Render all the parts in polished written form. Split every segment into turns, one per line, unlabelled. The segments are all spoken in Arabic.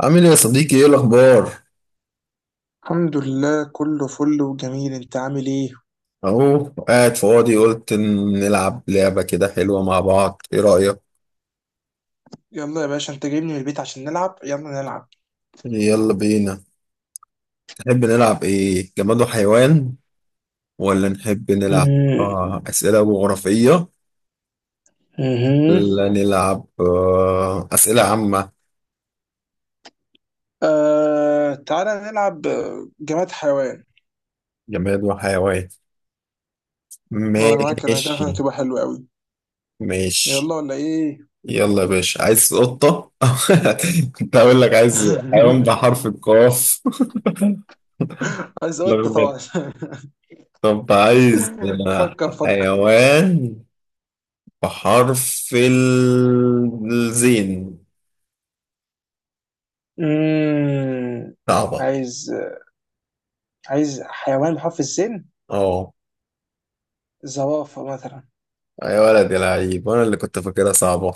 عامل ايه يا صديقي؟ ايه الاخبار؟
الحمد لله، كله فل وجميل. انت عامل ايه؟
اهو قاعد فاضي، قلت إن نلعب لعبة كده حلوة مع بعض. ايه رأيك؟
يلا يا باشا، انت جايبني من البيت عشان نلعب. يلا نلعب.
يلا بينا. تحب نلعب ايه؟ جماد وحيوان ولا نحب نلعب
مم.
أسئلة جغرافية
مهم.
ولا نلعب أسئلة عامة؟
آه، تعالى نلعب، جماد حيوان.
جماد وحيوان.
اه، انا معاك، انا كده
ماشي.
هتبقى حلوة قوي.
ماشي.
يلا، ولا ايه؟
يلا يا باشا، عايز قطة. كنت هقول لك عايز حيوان بحرف القاف.
عايز قطة طبعا.
طب عايز
فكر فكر.
حيوان بحرف الزين.
مم.
صعبة.
عايز عايز حيوان بحرف السين.
اه،
زرافة مثلا.
يا ولد يا لعيب، انا اللي كنت فاكرها صعبة.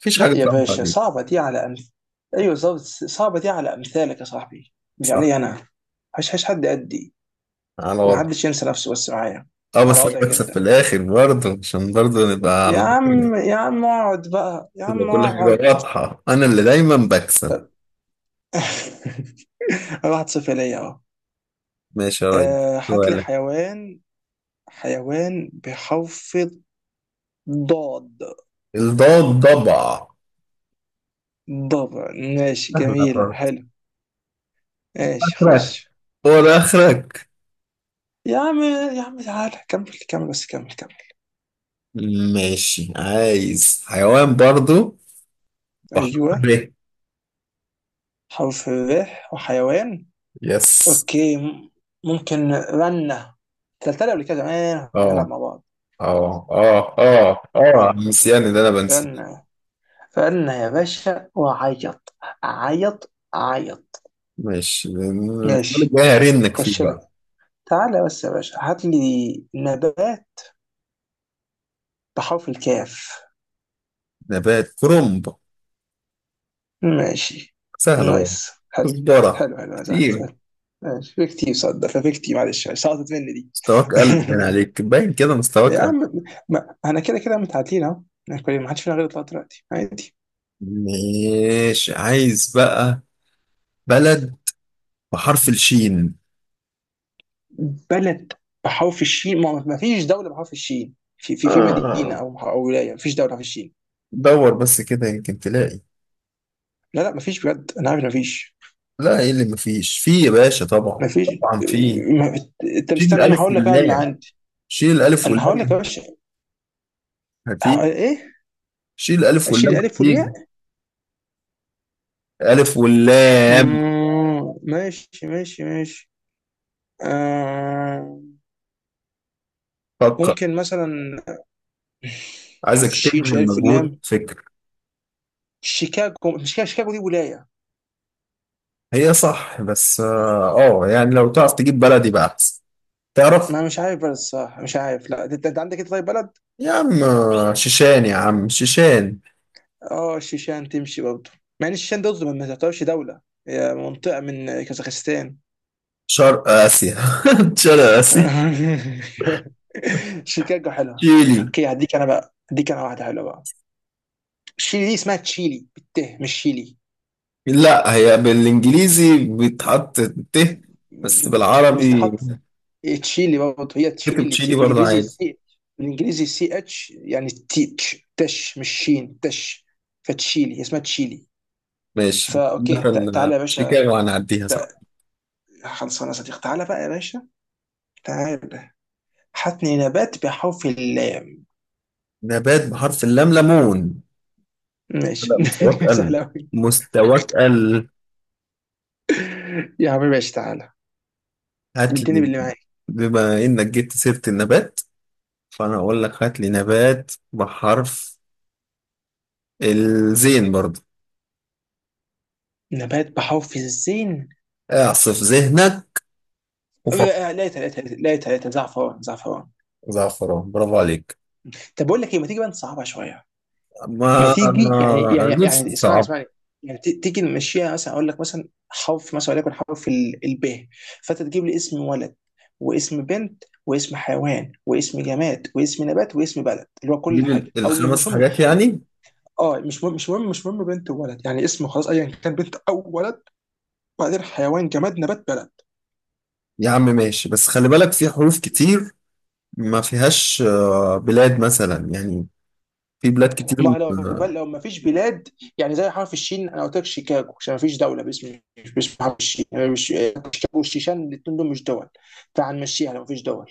مفيش حاجة
لا يا
صعبة
باشا،
عليك.
صعبة دي على أيوة بالظبط، صعبة دي على أمثالك يا صاحبي. مش
صح.
علي أنا. هش هش، حد قدي؟
على
ما
وضع.
حدش ينسى نفسه بس معايا.
اه،
على
بس انا
وضعي
بكسب في
جدا.
الاخر برضه، عشان برضه نبقى على
يا عم
مكاني.
يا عم، اقعد بقى يا
تبقى
عم،
كل حاجة
اقعد.
واضحة، انا اللي دايما بكسب.
طب. أنا 1-0 ليا أهو.
ماشي يا ريس.
آه، هات لي
سؤالك.
حيوان. حيوان بحرف الضاد.
الضاد ضبع.
ضبع. ماشي،
سهلة
جميلة،
خالص.
حلو. ماشي
اخرك؟
خش.
هو ده اخرك؟
يا عم يا عم، تعالى كمل كمل بس كمل كمل.
ماشي، عايز حيوان برضه. صح. ب.
أيوه. حرف الراء، وحيوان.
يس.
اوكي، ممكن رنة. تلتلي قبل كده، زمان بنلعب
اه
مع بعض.
اه اه اه اه،
رنة،
نسيان اللي انا بنسى.
رنة، رنة يا باشا، وعيط. عيط عيط.
ماشي، السؤال
ماشي،
الجاي هرنك فيه
خش لك.
بقى.
تعالى بس يا باشا، هات لي نبات بحرف الكاف.
نبات كرنب.
ماشي.
سهل اهو.
نايس، حلو.
كزبرة
حلو حلو، سهل
كتير.
سهل. ماشي، في كتير صدق، ففي كتير، معلش سقطت مني دي.
مستواك قلب، باين عليك، باين كده مستواك
يا
قلب.
عم. ما انا كده كده متعادلين اهو. يعني ما حدش فينا غير يطلع دلوقتي عادي.
ماشي، عايز بقى بلد بحرف الشين.
بلد بحرف الشين. ما فيش دولة بحرف الشين. في مدينة
آه.
أو ولاية. ما فيش دولة بحرف الشين.
دور بس كده، يمكن تلاقي.
لا، لا، ما فيش بجد. أنا عارف إن ما فيش.
لا، ايه اللي مفيش في يا باشا؟ طبعا.
ما فيش.
طبعا في.
آه، ما- أنت
شيل
مستني أنا
الالف
هقول لك؟ أنا اللي
واللام.
عندي.
شيل الالف
أنا هقول لك يا
واللام
باشا.
هتيجي.
إيه؟
شيل الألف
أشيل
واللام
الألف والياء.
هتيجي. ألف واللام.
ماشي ماشي ماشي. آه.
فكر.
ممكن مثلا، بحرف
عايزك
الشين، شيل
تبذل
الألف
مجهود،
واللام.
فكر.
شيكاغو. مش كده؟ شيكاغو دي ولاية.
هي صح، بس يعني لو تعرف تجيب بلدي بقى أحسن. تعرف؟
ما مش عارف بلد الصراحة، مش عارف. لا، أنت عندك إيه طيب، بلد؟
يا عم، شيشان يا عم، شيشان.
اه، الشيشان تمشي برضه. مع ان الشيشان ده ما تعتبرش دولة، هي منطقة من كازاخستان.
شرق آسيا. شرق آسيا.
شيكاغو حلوة.
شيلي.
اوكي، هديك انا بقى، هديك انا واحدة حلوة بقى. شيلي دي اسمها تشيلي بالته، مش شيلي.
لا، هي بالإنجليزي بيتحط ت، بس بالعربي
بتتحط تشيلي برضه، هي
كتب
تشيلي.
تشيلي برضه
بالانجليزي
عادي.
سي. بالانجليزي سي اتش يعني تيتش، تش مش شين، تش. فتشيلي هي اسمها تشيلي.
ماشي،
فا اوكي، تعالى
مثلا
يا باشا.
شيكاغو هنعديها
تع-
صح.
خلصانه يا صديقي، تعالى بقى يا باشا، تعالى. حتني نبات بحرف اللام.
نبات بحرف اللام: ليمون.
ماشي.
لا، مستواك
سهل
قل.
أوي.
مستواك قل.
يا حبيبي، ماشي، تعالى،
هات
اديني
لي.
باللي معاك.
بما انك جبت سيرة النبات، فانا اقول لك هات لي نبات بحرف الزين برضه.
نبات بحرف الزين.
اعصف ذهنك وفكر.
لقيتها، لقيتها، لقيتها، لقيتها. زعفران، زعفران.
زعفران، برافو عليك.
طب، بقول لك ايه؟ ما تيجي بقى نصعبها شويه. ما
ما
تيجي، يعني يعني
انا ليه.
يعني، اسمعني
صعب.
اسمعني. يعني تيجي نمشيها. مثلا اقول لك، مثلا حرف، مثلا وليكن حرف الب. فانت تجيب لي اسم ولد، واسم بنت، واسم حيوان، واسم جماد، واسم نبات، واسم بلد، اللي هو كل
جيب
حاجه، او
الخمس
مش هم.
حاجات يعني.
اه، مش مهم، مش مهم، مش مهم. بنت وولد يعني اسمه خلاص، ايا كان بنت او ولد. وبعدين حيوان، جماد، نبات، بلد.
يا عم ماشي، بس خلي بالك في حروف كتير ما فيهاش بلاد مثلا يعني. في بلاد كتير.
ما لو
آه،
لو ما فيش بلاد. يعني زي حرف الشين، انا قلت لك شيكاغو عشان ما فيش دوله باسم حرف الشين. يعني مش شيكاغو والشيشان، الاثنين دول مش دول. فهنمشيها لو ما فيش دول.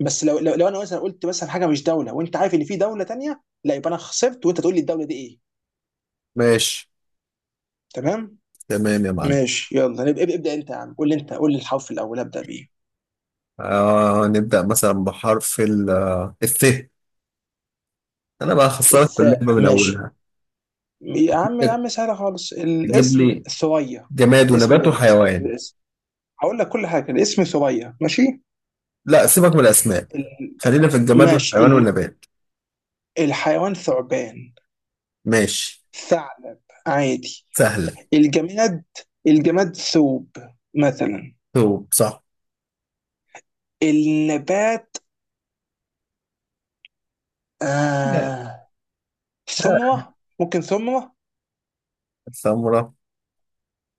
بس لو انا مثلا قلت مثلا حاجه مش دوله، وانت عارف ان في دوله تانيه، لا، يبقى انا خسرت، وانت تقول لي الدوله دي ايه.
ماشي.
تمام.
تمام يا معلم.
ماشي يلا. ابدا انت يا عم. قول لي، انت قول لي الحرف الاول ابدا بيه.
نبدأ مثلا بحرف ال آه، الث. أنا بقى خسرت في
الثاء.
اللعبة من
ماشي.
أولها.
يا عم يا عم، سهله خالص.
تجيب
الاسم
لي
ثريا.
جماد
اسم
ونبات
بنت.
وحيوان.
الاسم، هقول لك كل حاجه. الاسم ثريا. ماشي.
لا، سيبك من الأسماء.
ال...
خلينا في الجماد
ماشي.
والحيوان والنبات.
الحيوان ثعبان.
ماشي.
ثعلب. عادي.
سهلة.
الجماد الجماد ثوب مثلا.
ثوب صح.
النبات.
يعني.
آه...
ها؟
ثمره، ممكن ثمره.
سمرة.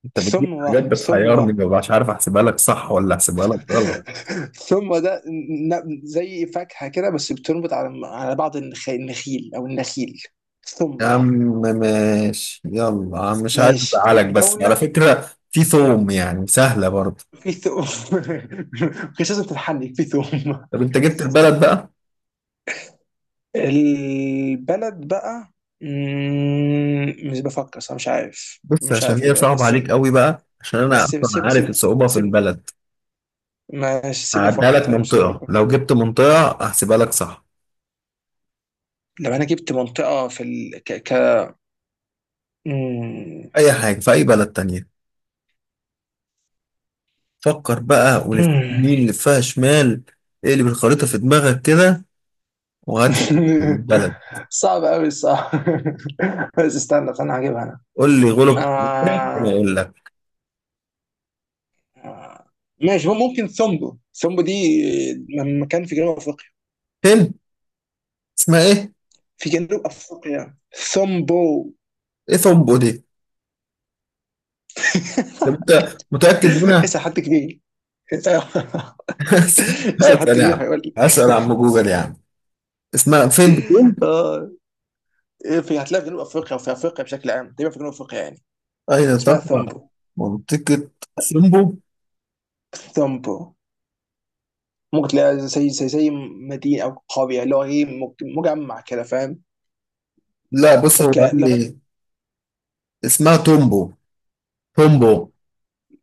أنت بتجيب
ثمره،
حاجات
ثمره.
بتحيرني، مبقاش عارف أحسبها لك صح ولا أحسبها لك غلط.
ثمره ده، زي فاكهه كده، بس بتنبت على بعض النخيل، او النخيل.
يا عم
ثمره.
ماشي، يلا عم، مش عايز
ماشي
أزعلك، بس على
الدولة.
فكرة في ثوم، يعني سهلة برضه.
في ثوم. مش لازم تتحنك، في ثوم.
طب أنت جبت البلد بقى.
البلد بقى. مش بفكر صح. مش عارف،
بص،
مش
عشان
عارف
هي
البلد،
صعبة عليك
استنى.
قوي بقى، عشان
ما
انا
سيب
اصلا
سيب
عارف
سيب
الصعوبة في
سيب،
البلد.
ما سيبني
هعديها
افكر.
لك
طيب سيبني
منطقة،
افكر.
لو جبت منطقة هحسبها لك صح.
لو انا جبت منطقة في مم.
اي حاجة في اي بلد تانية. فكر بقى، ولف
مم.
يمين، لفها شمال. اقلب الخريطة في دماغك كده، وهات لي البلد.
صعب قوي، صعب. بس استنى استنى، هجيبها
قول لي
انا.
غلب، انا
آه...
اقول لك.
آه، ماشي. ممكن ثومبو. ثومبو دي مكان في جنوب افريقيا.
هند. اسمها ايه؟
في جنوب افريقيا. ثومبو.
ايه ثمبو دي؟ طب انت متأكد منها؟
اسال حد كبير. اسال حد
هسأل يا
كبير
عم.
هيقول لي.
هسأل عم جوجل يا عم. اسمها فين بتقول؟
اه. في، هتلاقيها في جنوب افريقيا وفي افريقيا بشكل عام، تقريبا في جنوب افريقيا يعني.
اين
اسمها
تقع؟
ثومبو.
منطقة ثمبو.
ثومبو ممكن تلاقيها زي زي مدينه او قريه، اللي هو ايه، مجمع كده، فاهم؟
لا بص، هو قال
اوكي لغايه.
لي اسمها تومبو. تومبو.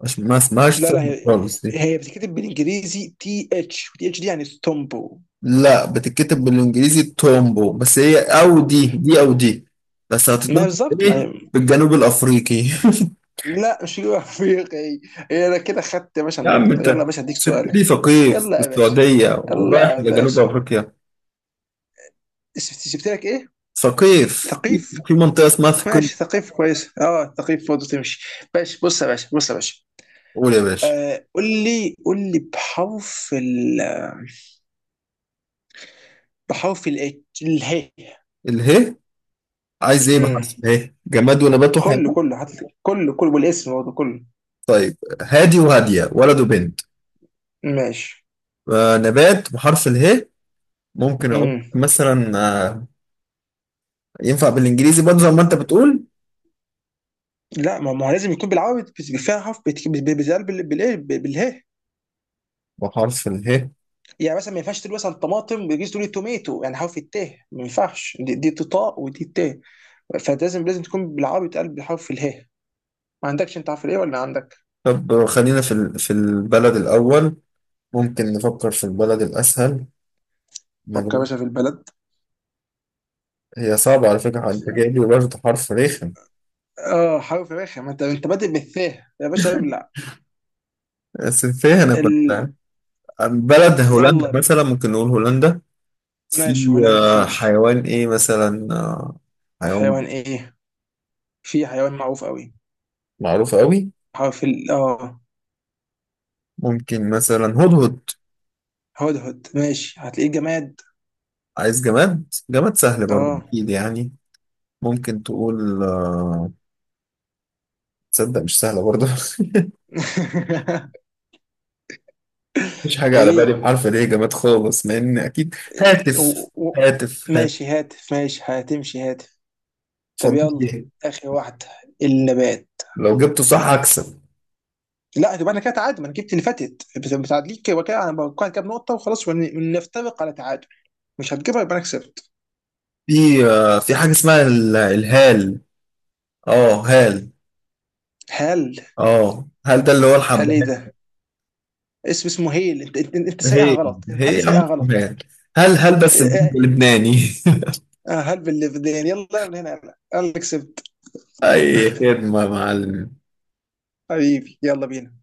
مش، ما اسمهاش
لا، لا،
تومبو
هي
خالص دي.
هي بتتكتب بالانجليزي تي اتش، تي اتش دي يعني ثومبو.
لا، بتتكتب بالانجليزي تومبو، بس هي او دي دي او دي، بس
ما
هتتنطق
بالظبط،
ايه؟
ما.
بالجنوب الافريقي.
لا، مش جنوب افريقيا هي. هي، انا كده خدت يا باشا
يا عم
النقطه. يلا
انت
يا باشا، اديك
سبتني
سؤالك.
ثقيف في
يلا يا باشا.
السعودية
يلا
ورايح
يا
لجنوب
باشا،
افريقيا.
شفت جبت لك ايه.
ثقيف، في
ثقيف.
في منطقة اسمها ثقيف.
ماشي، ثقيف كويس. اه، ثقيف برضه تمشي. باشا بص يا باشا، بص يا باشا.
قول يا باشا.
آه، قول لي قول لي بحرف ال، بحرف ال اله.
اله. عايز ايه
امم
بحرف اله؟ جماد ونبات
كله،
وحيوان.
كله، حتى كله كله، والاسم برضه كله.
طيب، هادي وهادية ولد وبنت.
ماشي.
نبات بحرف اله. ممكن اقول
امم
مثلا. آه، ينفع بالانجليزي برضه زي ما انت بتقول
لا، ما هو لازم يكون بالعربي، بس فيها حرف، بتتقال بالايه، بالهي.
بحرف اله.
يعني مثلا ما ينفعش تقول مثلا طماطم، بيجيز تقول توميتو، يعني حرف التاء ما ينفعش، دي تطاء ودي تاء. فلازم تكون بالعربي، بتقلب بحرف الهاء. ما عندكش انت حرف الايه ولا عندك؟
طب خلينا في في البلد الاول. ممكن نفكر في البلد الاسهل.
فكر يا
نقول-
باشا في البلد.
هي صعبة على فكرة، انت جايب لي برضه حرف رخم.
اه حرف رخم، ما انت بادئ بالثاء يا باشا، ابلع.
بس فيها، انا كنت
ال...
فاهم بلد هولندا
يلا.
مثلا، ممكن نقول هولندا. في.
ماشي، هولندا تمشي.
حيوان ايه مثلا؟ حيوان
حيوان ايه؟ في حيوان معروف قوي،
معروف قوي.
حرف ال،
ممكن مثلا هدهد.
هدهد. ماشي، هتلاقيه. جماد.
عايز جماد، جماد سهل برضه
اه.
اكيد يعني. ممكن تقول. تصدق مش سهلة برضه. مش حاجة على بالي
ايه؟
بحرف ليه، جامد خالص، مع إن أكيد
و...
هاتف.
و...
هاتف.
ماشي
هاتف.
هات. ماشي هتمشي، هات. طب
اتفضل
يلا،
فيها.
اخر واحده، النبات.
لو جبته صح هكسب.
لا، يبقى انا كده تعادل، ما انا جبت اللي فاتت، بس متعادلين كده وكده، انا بقول كام نقطه وخلاص، ونفترق على تعادل. مش هتجيبها، يبقى انا كسبت.
في في حاجة اسمها الهال. اه، هال.
هل؟
اه، هل ده اللي هو
هل ايه
الحبهان.
ده؟ اسمه هيل. انت سايقها
هي
غلط، انت
هي
حتى
يا عم،
سايقها
اسمها
غلط.
هال. هل هل
آه،
بس
آه،
بلبناني.
آه، هل باللي في الدنيا. يلا من هنا، يلا انا اللي كسبت.
أي خدمة يا معلم.
حبيبي، يلا بينا.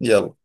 يلا.